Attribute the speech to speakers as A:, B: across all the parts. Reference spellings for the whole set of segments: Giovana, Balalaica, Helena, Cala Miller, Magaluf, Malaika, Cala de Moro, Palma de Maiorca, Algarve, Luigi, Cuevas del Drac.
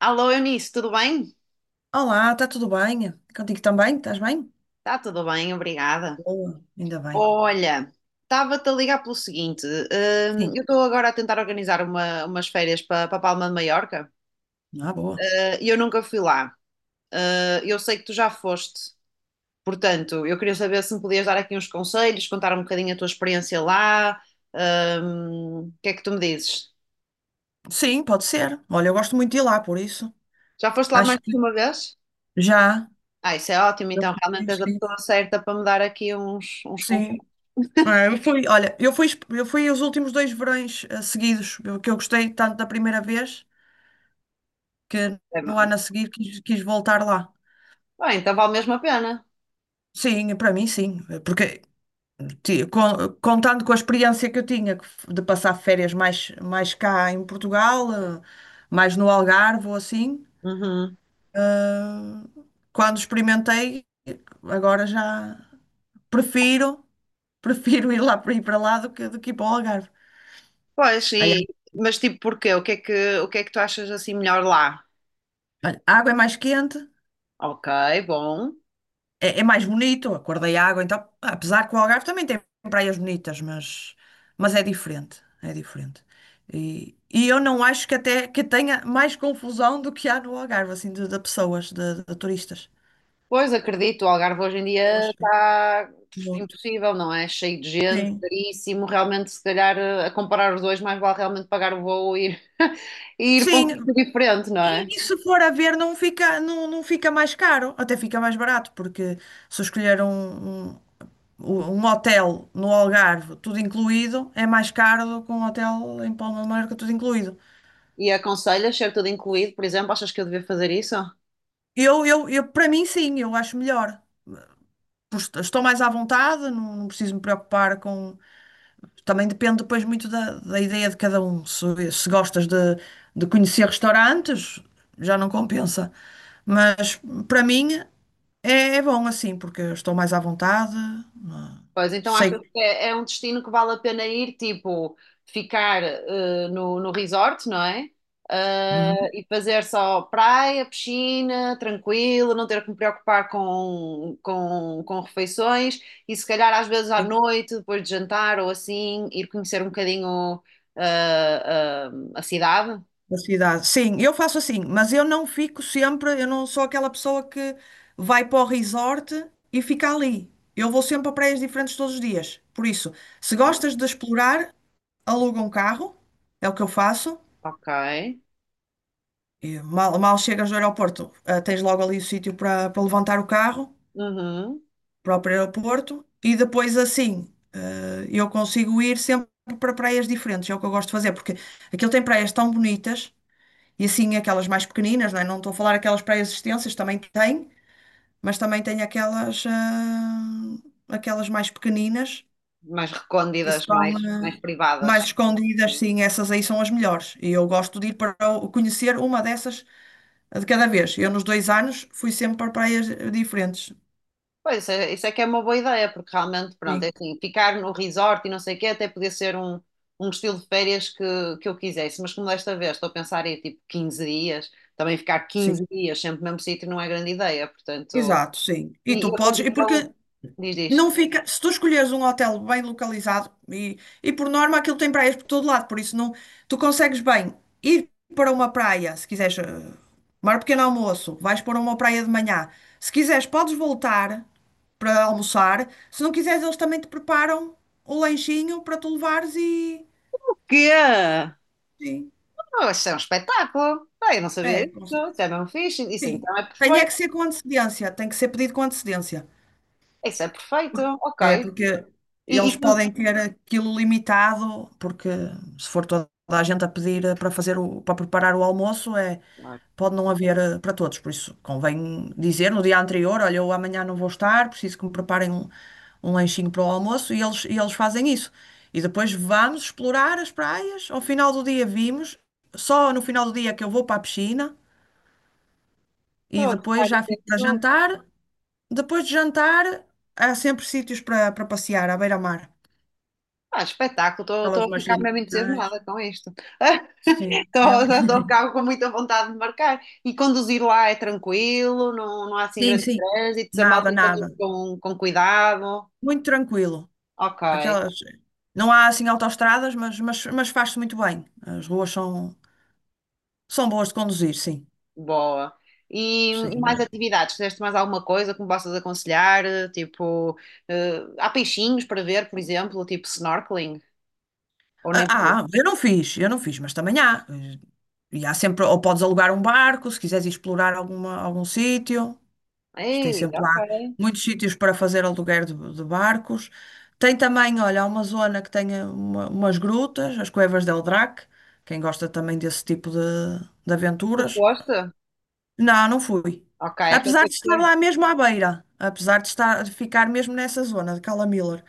A: Alô, Eunice, tudo bem?
B: Olá, está tudo bem? Contigo também? Estás bem?
A: Está tudo bem, obrigada.
B: Boa, ainda bem.
A: Olha, estava-te a ligar pelo seguinte:
B: Sim,
A: eu estou agora a tentar organizar umas férias para Palma de Maiorca
B: ah, boa.
A: e eu nunca fui lá. Eu sei que tu já foste, portanto, eu queria saber se me podias dar aqui uns conselhos, contar um bocadinho a tua experiência lá. O que é que tu me dizes?
B: Sim, pode ser. Olha, eu gosto muito de ir lá, por isso.
A: Já foste lá mais
B: Acho que
A: que uma vez?
B: já.
A: Ah, isso é ótimo,
B: Eu
A: então realmente
B: fui,
A: és a pessoa
B: sim.
A: certa para me dar aqui uns
B: Sim.
A: conselhos.
B: É, eu fui, olha, eu fui os últimos dois verões seguidos, que eu gostei tanto da primeira vez que no ano a seguir quis voltar lá.
A: Bem, então vale mesmo a pena.
B: Sim, para mim sim, porque contando com a experiência que eu tinha que de passar férias mais, mais cá em Portugal, mais no Algarve ou assim.
A: Uhum.
B: Quando experimentei, agora já prefiro, prefiro ir lá ir para lá do que ir para o Algarve.
A: Pois,
B: Aí,
A: e, mas tipo, porquê? O que é que tu achas assim melhor lá?
B: olha, a água é mais quente,
A: Ok, bom.
B: é, é mais bonito, a cor da água, então, apesar que o Algarve também tem praias bonitas, mas é diferente, é diferente. E eu não acho que até que tenha mais confusão do que há no Algarve, assim, de pessoas, de turistas.
A: Pois, acredito, o Algarve hoje em
B: Eu
A: dia
B: acho
A: está
B: muito.
A: impossível, não é? Cheio de gente,
B: Sim.
A: caríssimo. Realmente, se calhar, a comparar os dois, mais vale realmente pagar o voo e ir, e ir para um
B: Sim,
A: sítio diferente, não é?
B: e se for a ver, não fica, não, não fica mais caro, até fica mais barato, porque se eu escolher um hotel no Algarve, tudo incluído, é mais caro do que um hotel em Palma de Mallorca, tudo incluído.
A: E aconselhas ser tudo incluído, por exemplo, achas que eu devia fazer isso?
B: Para mim, sim, eu acho melhor. Pois, estou mais à vontade, não, não preciso me preocupar com. Também depende depois muito da, da ideia de cada um. Se gostas de conhecer restaurantes, já não compensa. Mas para mim é, é bom assim, porque eu estou mais à vontade. É?
A: Pois, então
B: Sei,
A: achas
B: que
A: que é um destino que vale a pena ir, tipo, ficar no resort, não é? Ah,
B: uhum,
A: e fazer só praia, piscina, tranquilo, não ter que me preocupar com refeições e se calhar às vezes à
B: sei
A: noite, depois de jantar ou assim, ir conhecer um bocadinho ah, a cidade.
B: a cidade. Sim, eu faço assim, mas eu não fico sempre, eu não sou aquela pessoa que vai para o resort e fica ali. Eu vou sempre a praias diferentes todos os dias. Por isso, se
A: Ah,
B: gostas de explorar, aluga um carro, é o que eu faço.
A: ok.
B: E mal, mal chegas do aeroporto, ah, tens logo ali o sítio para para levantar o carro,
A: Uhum.
B: próprio aeroporto, e depois assim, ah, eu consigo ir sempre para praias diferentes, é o que eu gosto de fazer, porque aquilo tem praias tão bonitas, e assim aquelas mais pequeninas, não é? Não estou a falar aquelas praias extensas, também tem, mas também tem aquelas, ah, aquelas mais pequeninas,
A: Mais
B: que
A: recônditas, mais,
B: são, ah,
A: mais privadas.
B: mais escondidas,
A: Sim.
B: sim, essas aí são as melhores, e eu gosto de ir para conhecer uma dessas de cada vez. Eu nos dois anos fui sempre para praias diferentes.
A: Pois, isso é que é uma boa ideia, porque realmente, pronto, é
B: Sim,
A: assim, ficar no resort e não sei o quê, até podia ser um estilo de férias que eu quisesse, mas como desta vez estou a pensar em tipo 15 dias, também ficar quinze
B: sim,
A: dias sempre no mesmo sítio não é grande ideia, portanto,
B: exato, sim. E
A: e,
B: tu
A: e a
B: podes, e
A: condição,
B: porque
A: diz.
B: não fica, se tu escolheres um hotel bem localizado, e por norma aquilo tem praias por todo lado, por isso não, tu consegues bem ir para uma praia, se quiseres, tomar um pequeno almoço, vais para uma praia de manhã. Se quiseres, podes voltar para almoçar. Se não quiseres, eles também te preparam o lanchinho para tu levares e.
A: Que
B: Sim,
A: oh, isso é um espetáculo, eu não sabia
B: é,
A: disso,
B: consegue.
A: isso é mesmo fixe, isso
B: Sim,
A: então é
B: tem é
A: perfeito,
B: que ser com antecedência, tem que ser pedido com antecedência.
A: isso é perfeito,
B: É,
A: ok.
B: porque
A: e,
B: eles
A: e quando-
B: podem ter aquilo limitado, porque se for toda a gente a pedir para fazer o, para preparar o almoço, é,
A: Ai,
B: pode não haver para todos. Por isso, convém dizer no dia anterior, olha, eu amanhã não vou estar, preciso que me preparem um, um lanchinho para o almoço, e eles fazem isso. E depois vamos explorar as praias. Ao final do dia vimos, só no final do dia é que eu vou para a piscina e
A: estou a gostar
B: depois já fico para
A: disso.
B: jantar. Depois de jantar, há sempre sítios para para passear, à beira-mar.
A: Ah, espetáculo, estou
B: Aquelas
A: a ficar mesmo
B: marginais.
A: entusiasmada com isto.
B: Sim. é-
A: Já estou a ficar com muita vontade de marcar. E conduzir lá é tranquilo, não há assim
B: Sim,
A: grandes
B: sim.
A: trânsitos, a
B: Nada,
A: malta conduz
B: nada.
A: com cuidado.
B: Muito tranquilo.
A: Ok,
B: Aquelas... Não há assim autoestradas, mas faz-se muito bem. As ruas são, são boas de conduzir, sim.
A: boa. E
B: Sim. Não
A: mais
B: é?
A: atividades? Fizeste mais alguma coisa que me possas aconselhar? Tipo, há peixinhos para ver, por exemplo, tipo snorkeling? Ou nem por
B: Ah,
A: isso?
B: ah, eu não fiz, mas também há. E há sempre, ou podes alugar um barco, se quiseres ir explorar alguma, algum sítio. Mas tem
A: Ei,
B: sempre lá
A: ok.
B: muitos sítios para fazer aluguer de barcos. Tem também, olha, há uma zona que tem umas grutas, as Cuevas del Drac. Quem gosta também desse tipo de
A: Tu
B: aventuras.
A: foste?
B: Não, não fui.
A: Ok, é que eu
B: Apesar
A: tenho
B: de
A: que
B: estar
A: ter.
B: lá mesmo à beira, apesar de estar, de ficar mesmo nessa zona de Cala Miller.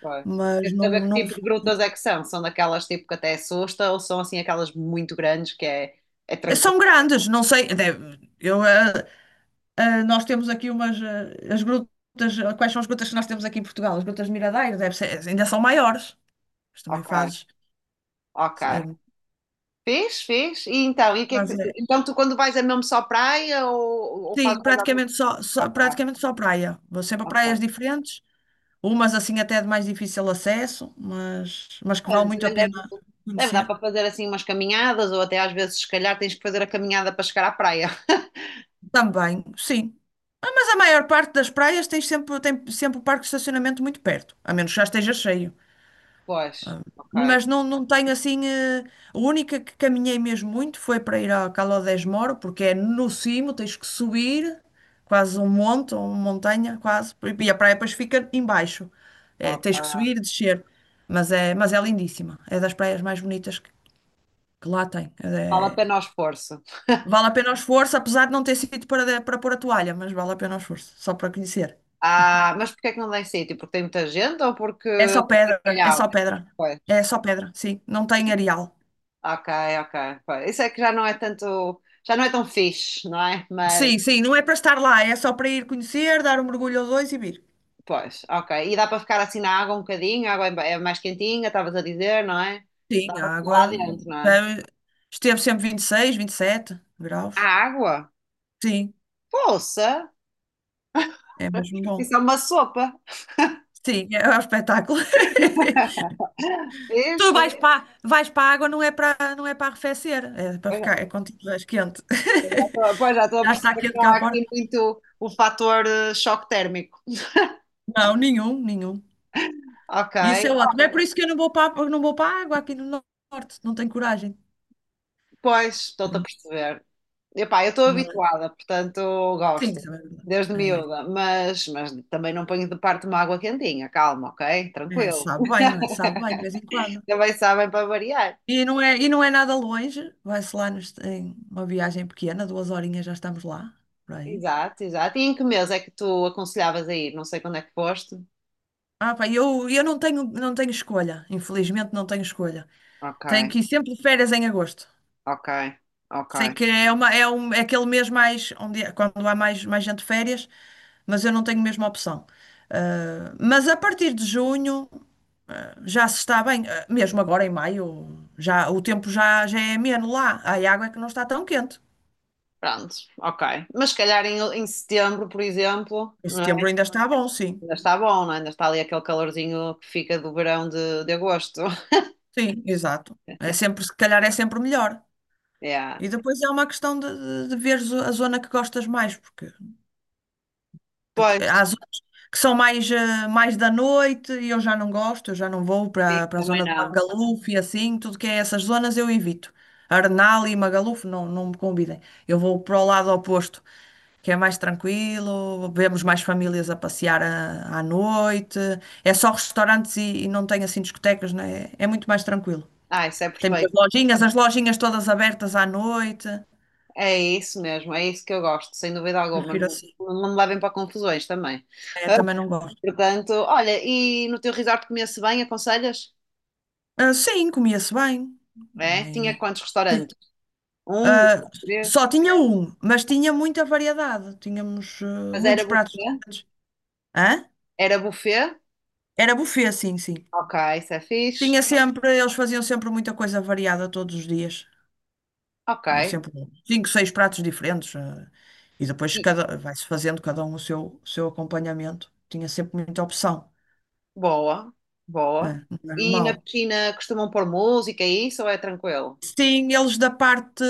A: Pois.
B: Mas
A: Quero
B: não,
A: saber que
B: não.
A: tipo de grutas é que são. São daquelas tipo que até assusta ou são assim aquelas muito grandes que é tranquilo?
B: São grandes, não sei. Nós temos aqui umas, as grutas. Quais são as grutas que nós temos aqui em Portugal? As grutas de Miradouro, deve ser, ainda são maiores. Mas também
A: Ok,
B: fazes.
A: ok.
B: eh,
A: Fez, fez. E então, e o que é que-
B: fazes, eh,
A: então tu quando vais é mesmo só praia ou
B: sim,
A: fazes mais alguma coisa?
B: praticamente só,
A: Ok,
B: praticamente só praia. Vou sempre a
A: ok.
B: praias diferentes, umas assim até de mais difícil acesso, mas que vale
A: Pois,
B: muito a
A: também
B: pena
A: deve dar
B: conhecer.
A: para fazer assim umas caminhadas ou até às vezes se calhar tens que fazer a caminhada para chegar à praia.
B: Também, sim. Ah, mas a maior parte das praias tem sempre o parque de estacionamento muito perto, a menos que já esteja cheio.
A: Pois, ok,
B: Mas não, não tenho assim. A única que caminhei mesmo muito foi para ir ao Cala de Moro, porque é no cimo, tens que subir quase um monte, ou uma montanha, quase, e a praia depois fica embaixo. É, tens que
A: ok.
B: subir e descer. Mas é lindíssima. É das praias mais bonitas que lá tem.
A: Vale a pena o esforço.
B: Vale a pena o esforço, apesar de não ter sítio para, para pôr a toalha, mas vale a pena o esforço, só para conhecer.
A: Ah, mas porquê é que não dá em sítio? Porque tem muita gente ou porque
B: É só
A: é
B: pedra, é só
A: calhau?
B: pedra.
A: Pois,
B: É só pedra, sim. Não tem areal.
A: ok, ok. Pois. Isso é que já não é tanto, já não é tão fixe, não é? Mas
B: Sim, sim, não é para estar lá, é só para ir conhecer, dar um mergulho ou dois e vir.
A: pois, ok. E dá para ficar assim na água um bocadinho, a água é mais quentinha, estavas a dizer, não é? Dá
B: Sim,
A: para
B: a
A: ficar lá
B: água
A: dentro, não é?
B: já esteve sempre 26, sete
A: A
B: graus.
A: água?
B: Sim,
A: Poça!
B: é mesmo bom.
A: Isso é uma sopa.
B: Sim, é um espetáculo. Tu
A: Vês?
B: vais
A: Vês?
B: para, vais para a água, não é para, não é para arrefecer, é para
A: Pois
B: ficar,
A: já
B: é quando estiveres quente.
A: pois já estou a
B: Já está
A: perceber que
B: quente
A: não há
B: cá fora?
A: aqui muito o fator choque térmico.
B: Não, nenhum, nenhum.
A: Ok,
B: Isso é ótimo. É por isso que eu não vou para, não vou para a água aqui no norte, não tenho coragem.
A: pois, estou-te a perceber. Epá, eu estou
B: Mas,
A: habituada, portanto
B: sim,
A: gosto,
B: isso é verdade.
A: desde
B: É.
A: miúda, mas também não ponho de parte uma água quentinha, calma, ok?
B: É,
A: Tranquilo.
B: sabe bem, não é? Sabe bem, de vez em quando.
A: Também sabem para variar.
B: E não é nada longe, em uma viagem pequena, duas horinhas já estamos lá, por aí.
A: Exato, exato. E em que mês é que tu aconselhavas a ir? Não sei quando é que foste.
B: Ah, pá, eu não tenho, não tenho escolha, infelizmente não tenho escolha. Tenho
A: Ok,
B: que ir sempre de férias em agosto.
A: ok, ok.
B: Sei que é, uma, é, um, é aquele mês mais, onde, quando há mais, mais gente de férias, mas eu não tenho mesmo opção. Ah, mas a partir de junho, ah, já se está bem. Ah, mesmo agora em maio, já, o tempo já, já é ameno lá, a água é que não está tão quente.
A: Pronto, ok. Mas se calhar em setembro, por exemplo,
B: Em
A: não é?
B: setembro ainda está bom, sim.
A: Ainda está bom, não é? Ainda está ali aquele calorzinho que fica do verão de agosto.
B: Sim, exato. É sempre, se calhar é sempre melhor.
A: Yeah.
B: E depois é uma questão de veres a zona que gostas mais, porque. Porque
A: Pois,
B: há zonas que são mais, mais da noite e eu já não gosto, eu já não vou
A: sim,
B: para para a
A: também
B: zona de
A: não.
B: Magaluf e assim, tudo que é essas zonas eu evito. Arnal e Magaluf não, não me convidem. Eu vou para o lado oposto, que é mais tranquilo, vemos mais famílias a passear à, à noite, é só restaurantes e não tem assim discotecas, né? É muito mais tranquilo.
A: Ah, isso é
B: Tem muitas
A: perfeito.
B: lojinhas, as lojinhas todas abertas à noite.
A: É isso mesmo, é isso que eu gosto, sem dúvida alguma.
B: Prefiro
A: Não,
B: assim.
A: não me levem para confusões também.
B: É, também não gosto.
A: Portanto, olha, e no teu resort comia-se bem, aconselhas?
B: Ah, sim, comia-se bem.
A: É? Tinha
B: Nem-
A: quantos
B: sim.
A: restaurantes? Um, dois,
B: Ah,
A: três.
B: só tinha um, mas tinha muita variedade. Tínhamos ah,
A: Mas era
B: muitos pratos
A: buffet?
B: diferentes. Hã?
A: Era buffet?
B: Era buffet, sim, sim.
A: Ok, isso é fixe.
B: Tinha sempre, eles faziam sempre muita coisa variada todos os dias. Tinha
A: Ok.
B: sempre um, cinco, seis pratos diferentes. E depois
A: E-
B: cada, vai-se fazendo cada um o seu acompanhamento. Tinha sempre muita opção,
A: boa, boa.
B: né? Não era
A: E na
B: mau.
A: piscina costumam pôr música e isso ou é tranquilo?
B: Sim, eles da parte.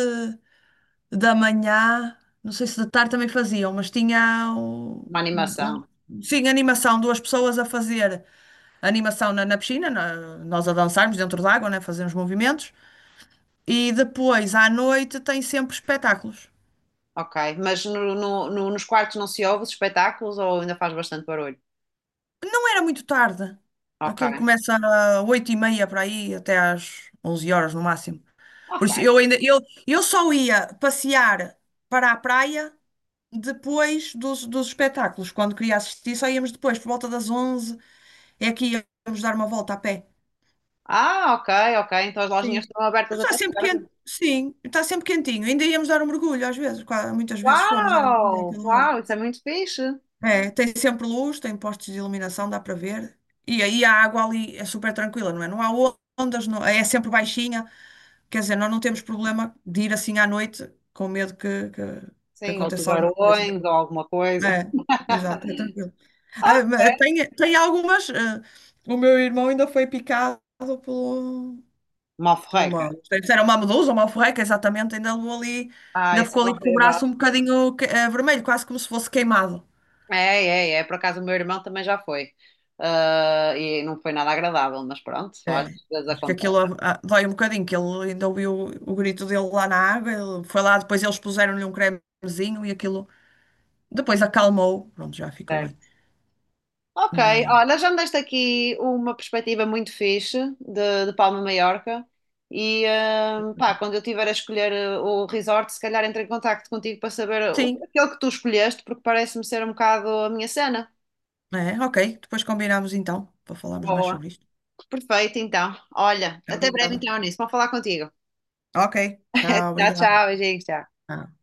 B: Da manhã, não sei se de tarde também faziam, mas tinha um,
A: Uma
B: um-
A: animação.
B: sim, animação, duas pessoas a fazer animação na, na piscina, nós a dançarmos dentro da água, né, fazermos movimentos, e depois à noite tem sempre espetáculos.
A: Ok. Mas nos quartos não se ouve os espetáculos ou ainda faz bastante barulho?
B: Não era muito tarde, aquilo
A: Ok.
B: começa às 8:30 para aí, até às 11 horas no máximo. Por
A: Ok.
B: isso eu ainda, eu só ia passear para a praia depois dos, dos espetáculos, quando queria assistir, só íamos depois, por volta das 11. É aqui, vamos dar uma volta a pé.
A: Ah, ok, ok. Então as lojinhas
B: Sim.
A: estão abertas
B: Está
A: até
B: sempre
A: tarde.
B: quente, sim, está sempre quentinho. Ainda íamos dar um mergulho, às vezes, muitas vezes fomos dar um mergulho
A: Uau!
B: àquela hora.
A: Uau, isso é muito fixe.
B: É, tem sempre luz, tem postes de iluminação, dá para ver. E aí a água ali é super tranquila, não é? Não há ondas, é sempre baixinha. Quer dizer, nós não temos problema de ir assim à noite com medo que
A: Sim, ou
B: aconteça alguma coisa.
A: tubarões ou alguma coisa.
B: É, exato, é tranquilo. Ah,
A: Ok.
B: mas tem, tem algumas. O meu irmão ainda foi picado pelo, pelo
A: Malforreca.
B: uma, não sei se era uma medusa ou uma alforreca, exatamente, ainda levou ali,
A: Ah,
B: ainda
A: isso
B: ficou
A: é
B: ali com o
A: horrível.
B: braço um bocadinho vermelho, quase como se fosse queimado.
A: É, é, é. Por acaso o meu irmão também já foi. Ah, e não foi nada agradável, mas pronto,
B: É,
A: olha, às vezes
B: acho que
A: acontece.
B: aquilo ah, ah, dói um bocadinho, que ele ainda ouviu o grito dele lá na água, ele foi lá, depois eles puseram-lhe um cremezinho e aquilo depois acalmou, pronto, já ficou bem.
A: Certo. Ok,
B: Mas,
A: olha, já me deste aqui uma perspectiva muito fixe de Palma de Maiorca. E pá, quando eu tiver a escolher o resort, se calhar entro em contacto contigo para saber
B: sim,
A: aquele que tu escolheste, porque parece-me ser um bocado a minha cena.
B: é, ok, depois combinamos então, para falarmos mais
A: Boa.
B: sobre isto.
A: Perfeito, então. Olha, até breve
B: Obrigada.
A: então nisso. Vou falar contigo.
B: Ok, tchau,
A: Tchau,
B: obrigada.
A: tchau, beijinhos, tchau.
B: Tchau.